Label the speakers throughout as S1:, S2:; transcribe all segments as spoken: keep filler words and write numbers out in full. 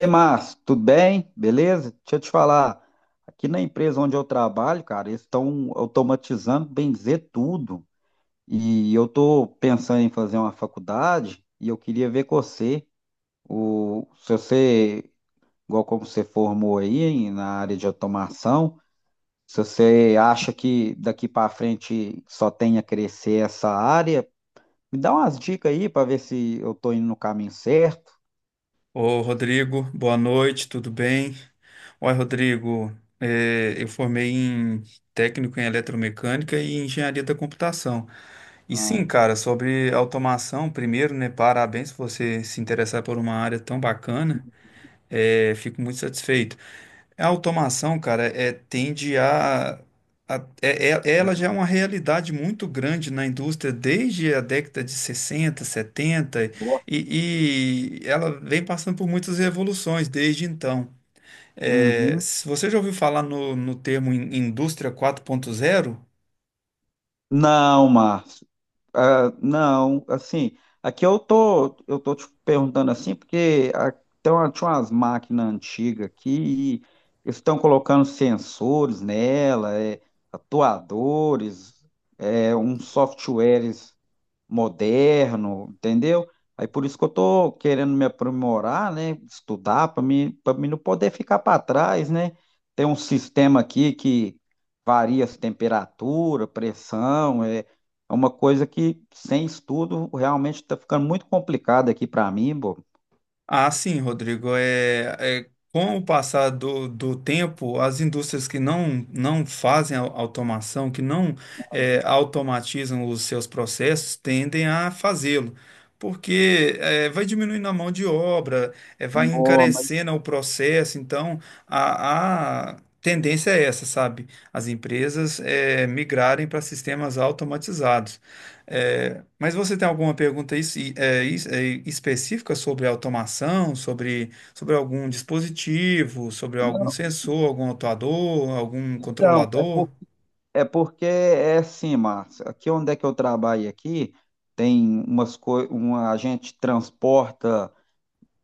S1: E Márcio, tudo bem? Beleza? Deixa eu te falar, aqui na empresa onde eu trabalho, cara, eles estão automatizando, bem dizer, tudo. E eu tô pensando em fazer uma faculdade e eu queria ver com você, o, se você, igual como você formou aí na área de automação, se você acha que daqui para frente só tem a crescer essa área, me dá umas dicas aí para ver se eu tô indo no caminho certo.
S2: Ô, Rodrigo, boa noite, tudo bem? Oi, Rodrigo, é, eu formei em técnico em eletromecânica e em engenharia da computação. E
S1: Ah,
S2: sim, cara, sobre automação, primeiro, né, parabéns por você se interessar por uma área tão bacana. É, fico muito satisfeito. A automação, cara, é, tende a, a- é- é- ela já é
S1: uhum,
S2: uma realidade muito grande na indústria desde a década de sessenta setenta
S1: boa.
S2: e, e ela vem passando por muitas revoluções desde então. É,
S1: Uhum.
S2: se você já ouviu falar no, no termo in- indústria quatro ponto zero.
S1: Não, Márcio. Ah, não, assim, aqui eu tô, eu tô te perguntando assim, porque ah, tem uma- tinha umas máquinas antigas aqui, e eles estão colocando sensores nela, é, atuadores, é, uns softwares moderno, entendeu? Aí por isso que eu tô querendo me aprimorar, né? Estudar para mim, para mim não poder ficar para trás, né? Tem um sistema aqui que varia as temperatura, pressão, é, é uma coisa que sem estudo realmente está ficando muito complicado aqui para mim, pô.
S2: Ah, sim, Rodrigo. É, é, com o passar do, do tempo, as indústrias que não, não fazem au- automação, que não é, automatizam os seus processos, tendem a fazê-lo, porque é, vai diminuindo a mão de obra, é, vai
S1: Não, mas
S2: encarecendo o processo. Então, a, a tendência é essa, sabe? As empresas é, migrarem para sistemas automatizados. É, mas você tem alguma pergunta es- é, es- é, específica sobre automação, sobre, sobre algum dispositivo, sobre algum
S1: não,
S2: sensor, algum atuador, algum
S1: então, é,
S2: controlador?
S1: por, é porque é assim, Márcio, aqui onde é que eu trabalho aqui, tem umas coisas, uma, a gente transporta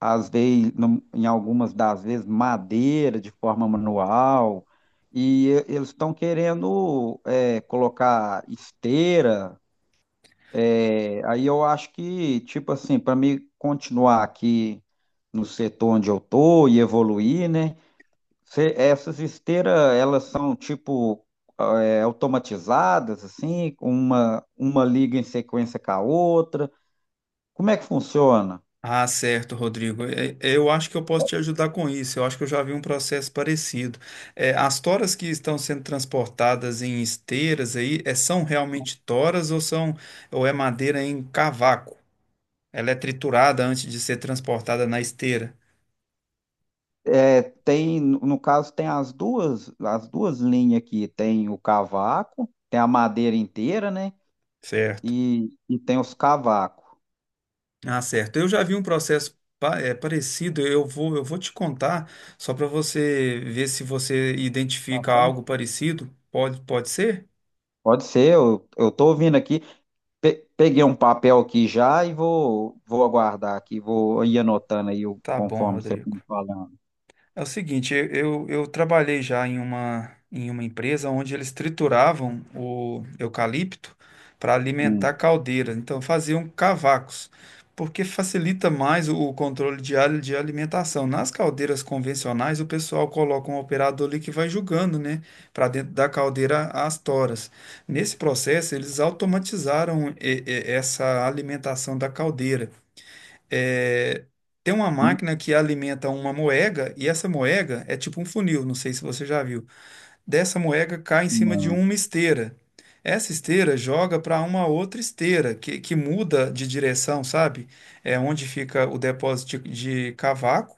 S1: às vezes, num- em algumas das vezes, madeira de forma manual, e e- eles estão querendo é, colocar esteira. É, aí eu acho que, tipo assim, para mim continuar aqui no setor onde eu tô e evoluir, né? Cê- essas esteiras, elas são tipo é, automatizadas, assim, com uma, uma liga em sequência com a outra. Como é que funciona?
S2: Ah, certo, Rodrigo. É, é, Eu acho que eu posso te ajudar com isso. Eu acho que eu já vi um processo parecido. É, as toras que estão sendo transportadas em esteiras aí, é, são realmente toras ou são ou é madeira em cavaco? Ela é triturada antes de ser transportada na esteira,
S1: É, tem, no caso, tem as duas, as duas linhas aqui. Tem o cavaco, tem a madeira inteira, né?
S2: certo?
S1: E, e tem os cavacos.
S2: Ah, certo. Eu já vi um processo pa- eh, parecido. Eu vou, eu vou te contar só para você ver se você identifica
S1: Aham.
S2: algo parecido. Pode, pode ser?
S1: Pode ser, eu, eu tô ouvindo aqui. Pe- peguei um papel aqui já e vou, vou aguardar aqui, vou ir anotando aí o-
S2: Tá bom,
S1: conforme você for
S2: Rodrigo.
S1: me falando.
S2: É o seguinte, eu, eu, eu trabalhei já em uma, em uma empresa onde eles trituravam o eucalipto para alimentar
S1: Hum,
S2: caldeira. Então faziam cavacos, porque facilita mais o, o controle de, al- de alimentação. Nas caldeiras convencionais, o pessoal coloca um operador ali que vai julgando, né, para dentro da caldeira as toras. Nesse processo, eles automatizaram e- e- essa alimentação da caldeira, é, tem uma
S1: hum,
S2: máquina que alimenta uma moega e essa moega é tipo um funil, não sei se você já viu. Dessa moega cai em cima de uma
S1: hum.
S2: esteira. Essa esteira joga para uma outra esteira que, que muda de direção, sabe? É onde fica o depósito de, de cavaco,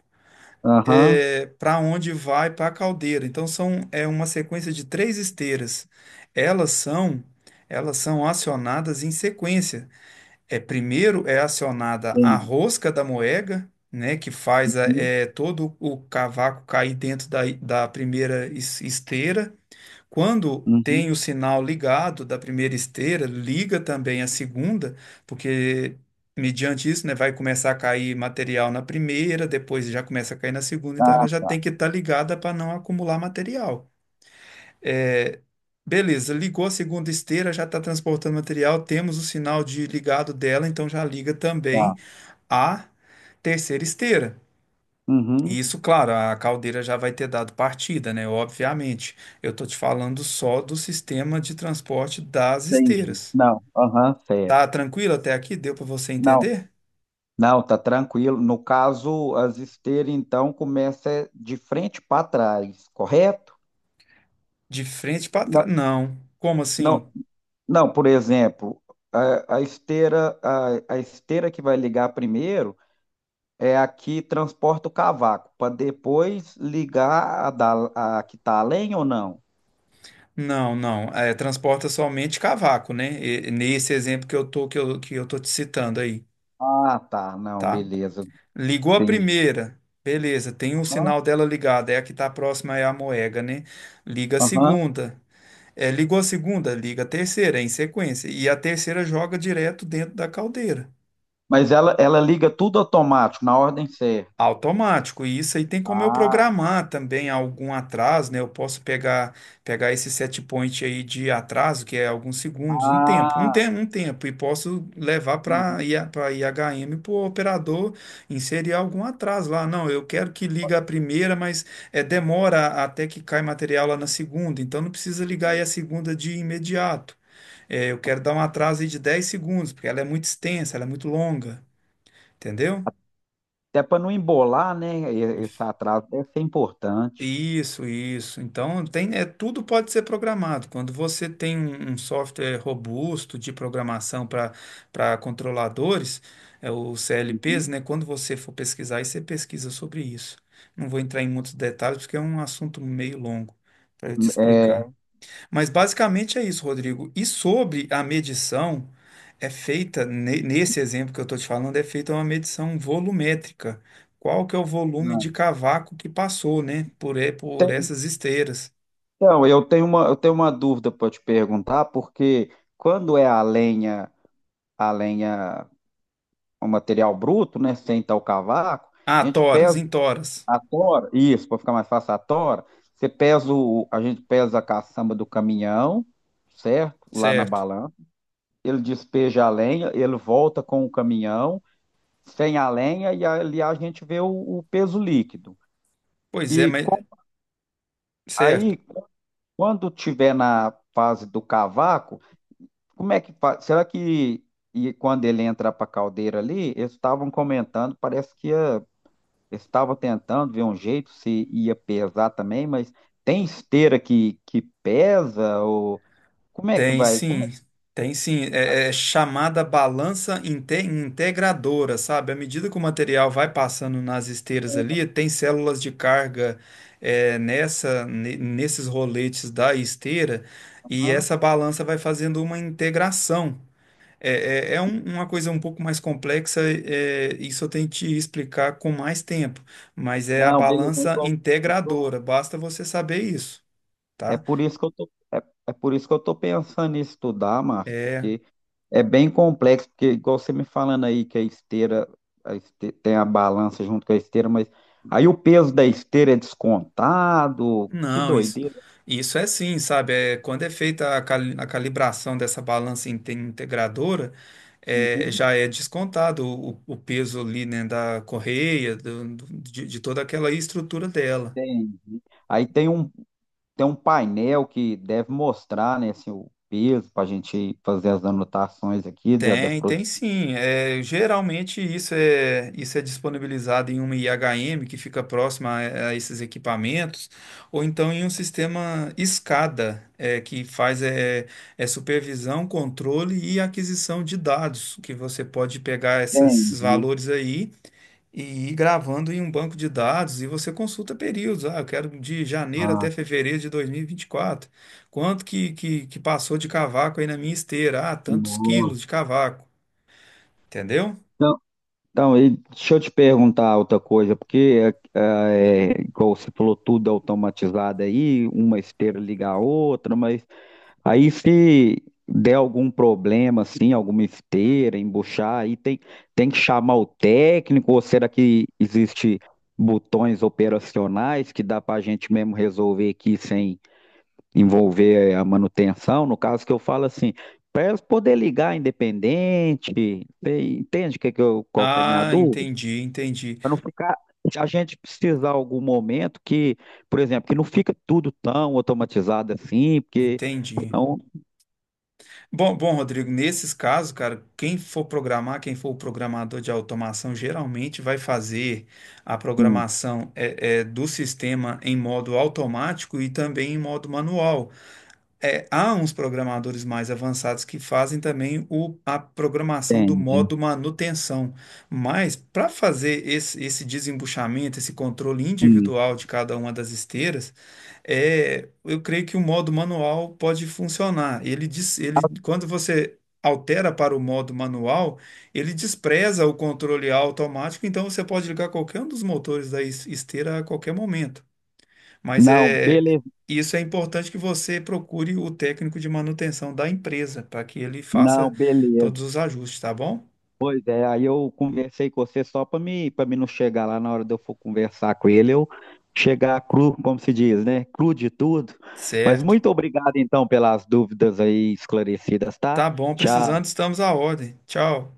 S1: Aham,
S2: é, para onde vai para a caldeira. Então são é uma sequência de três esteiras. Elas são elas são acionadas em sequência. É, primeiro é acionada a
S1: tem.
S2: rosca da moega, né, que faz a-
S1: Uhum,
S2: é, todo o cavaco cair dentro da, da primeira es- esteira. Quando tem
S1: uhum.
S2: o sinal ligado da primeira esteira, liga também a segunda, porque mediante isso, né, vai começar a cair material na primeira, depois já começa a cair na segunda, então
S1: Ah,
S2: ela já tem
S1: tá,
S2: que estar ligada para não acumular material. É, beleza, ligou a segunda esteira, já está transportando material, temos o sinal de ligado dela, então já liga
S1: tá.
S2: também a terceira esteira. E
S1: Uhum,
S2: isso, claro, a caldeira já vai ter dado partida, né? Obviamente. Eu estou te falando só do sistema de transporte das
S1: entendi.
S2: esteiras.
S1: Não, aham, certo.
S2: Tá tranquilo até aqui? Deu para você
S1: Não,
S2: entender?
S1: não, tá tranquilo. No caso, as esteiras, então, começa é de frente para trás, correto?
S2: De frente para trás.
S1: Não,
S2: Não. Como assim?
S1: não, não, por exemplo, a, a esteira, a, a esteira que vai ligar primeiro é a que transporta o cavaco, para depois ligar a, da, a que está além ou não?
S2: Não, não. É, transporta somente cavaco, né? E- nesse exemplo que eu tô, que eu, que eu tô te citando aí,
S1: Ah, tá, não,
S2: tá?
S1: beleza,
S2: Ligou a
S1: entendi.
S2: primeira. Beleza, tem o
S1: Aham,
S2: sinal dela ligado. É a que está próxima, é a moega, né? Liga a
S1: aham.
S2: segunda. É, ligou a segunda, liga a terceira, é em sequência. E a terceira joga direto dentro da caldeira.
S1: Mas ela, ela liga tudo automático, na ordem certa.
S2: Automático, e isso aí tem como eu
S1: Ah,
S2: programar também algum atraso, né? Eu posso pegar pegar esse set point aí de atraso, que é alguns segundos, um tempo, um
S1: ah,
S2: tempo, um tempo, e posso levar para
S1: uhum.
S2: para I H M para o operador inserir algum atraso lá. Não, eu quero que liga a primeira, mas é, demora até que cai material lá na segunda, então não precisa ligar aí a segunda de imediato. É, eu quero dar um atraso aí de dez segundos, porque ela é muito extensa, ela é muito longa, entendeu?
S1: Até para não embolar, né? e- Esse atraso deve ser importante.
S2: Isso, isso. Então, tem, é, tudo pode ser programado. Quando você tem um, um software robusto de programação para para controladores, é, os C L Ps,
S1: Uhum.
S2: né? Quando você for pesquisar, aí você pesquisa sobre isso. Não vou entrar em muitos detalhes, porque é um assunto meio longo para eu te
S1: É,
S2: explicar. Mas basicamente é isso, Rodrigo. E sobre a medição, é feita, ne- nesse exemplo que eu estou te falando, é feita uma medição volumétrica. Qual que é o volume de cavaco que passou, né? Por, e- por
S1: te-
S2: essas esteiras.
S1: então, eu tenho uma, eu tenho uma dúvida para te perguntar, porque quando é a lenha, a lenha, o material bruto, né? Sem tal cavaco,
S2: Ah,
S1: a gente
S2: toras,
S1: pesa
S2: em toras.
S1: a tora, isso, para ficar mais fácil a tora, você pesa o, a gente pesa a caçamba do caminhão, certo? Lá na
S2: Certo.
S1: balança. Ele despeja a lenha, ele volta com o caminhão, sem a lenha e ali a gente vê o, o peso líquido.
S2: Pois é,
S1: E
S2: mas.
S1: com-
S2: Certo.
S1: Aí, quando tiver na fase do cavaco, como é que faz? Será que e quando ele entra para a caldeira ali, eles estavam comentando, parece que ia, estava tentando ver um jeito se ia pesar também, mas tem esteira que, que pesa ou como é que
S2: Tem
S1: vai? Como é
S2: sim,
S1: que
S2: tem sim. É, é chamada balança inte- integradora, sabe? À medida que o material vai passando nas esteiras ali, tem células de carga, é, nessa, ne- nesses roletes da esteira, e
S1: Hã?
S2: essa balança vai fazendo uma integração. É, é, é um- uma coisa um pouco mais complexa, é, isso eu tenho que te explicar com mais tempo, mas é a
S1: Não, beleza,
S2: balança
S1: então eu tô-
S2: integradora, basta você saber isso,
S1: é
S2: tá?
S1: por isso que eu tô, é, é por isso que eu tô pensando em estudar, Márcio,
S2: É,
S1: porque é bem complexo, porque igual você me falando aí que a esteira, a este- tem a balança junto com a esteira, mas aí o peso da esteira é descontado, que
S2: não, isso,
S1: doideira.
S2: isso é sim, sabe? É, quando é feita a, cali- a calibração dessa balança inte- integradora, é,
S1: Uhum,
S2: já é descontado o, o peso ali, né, da correia, do- do- de, de toda aquela estrutura dela.
S1: entendi. Aí tem um, tem um painel que deve mostrar, né, assim, o peso para a gente fazer as anotações aqui da, da
S2: Tem, tem
S1: produção.
S2: sim. É, geralmente isso é, isso é disponibilizado em uma I H M que fica próxima a, a esses equipamentos, ou então em um sistema SCADA, é, que faz é, é supervisão, controle e aquisição de dados, que você pode pegar essas- esses
S1: Entendi.
S2: valores aí e ir gravando em um banco de dados e você consulta períodos. Ah, eu quero de janeiro
S1: Ah,
S2: até fevereiro de dois mil e e vinte e quatro. Quanto que, que, que passou de cavaco aí na minha esteira? Ah, tantos
S1: nossa.
S2: quilos de cavaco. Entendeu?
S1: Então, e deixa eu te perguntar outra coisa, porque eh, é, igual você falou, tudo automatizado aí, uma esteira liga a outra, mas aí se der algum problema, assim, alguma esteira, embuchar, aí tem, tem que chamar o técnico, ou será que existe botões operacionais que dá para a gente mesmo resolver aqui sem envolver a manutenção? No caso que eu falo assim, para elas poder ligar independente, você entende que que eu, qual que é a minha
S2: Ah,
S1: dúvida?
S2: entendi, entendi,
S1: Para não ficar, se a gente precisar algum momento que, por exemplo, que não fica tudo tão automatizado assim, porque
S2: entendi.
S1: senão,
S2: Bom, bom, Rodrigo, nesses casos, cara, quem for programar, quem for o programador de automação, geralmente vai fazer a
S1: hum,
S2: programação é, é, do sistema em modo automático e também em modo manual. É, há uns programadores mais avançados que fazem também o- a programação do
S1: entendi.
S2: modo manutenção, mas para fazer esse, esse desembuchamento, esse controle
S1: Hum.
S2: individual de cada uma das esteiras, é, eu creio que o modo manual pode funcionar. Ele diz, ele, quando você altera para o modo manual, ele despreza o controle automático, então você pode ligar qualquer um dos motores da es- esteira a qualquer momento. Mas
S1: Não,
S2: é
S1: beleza,
S2: isso é importante que você procure o técnico de manutenção da empresa para que ele
S1: não,
S2: faça
S1: beleza.
S2: todos os ajustes, tá bom?
S1: Pois é, aí eu conversei com você só para mim, para mim não chegar lá na hora de eu for conversar com ele, eu chegar cru, como se diz, né? Cru de tudo. Mas
S2: Certo.
S1: muito obrigado então pelas dúvidas aí esclarecidas, tá?
S2: Tá bom,
S1: Tchau.
S2: precisando, estamos à ordem. Tchau.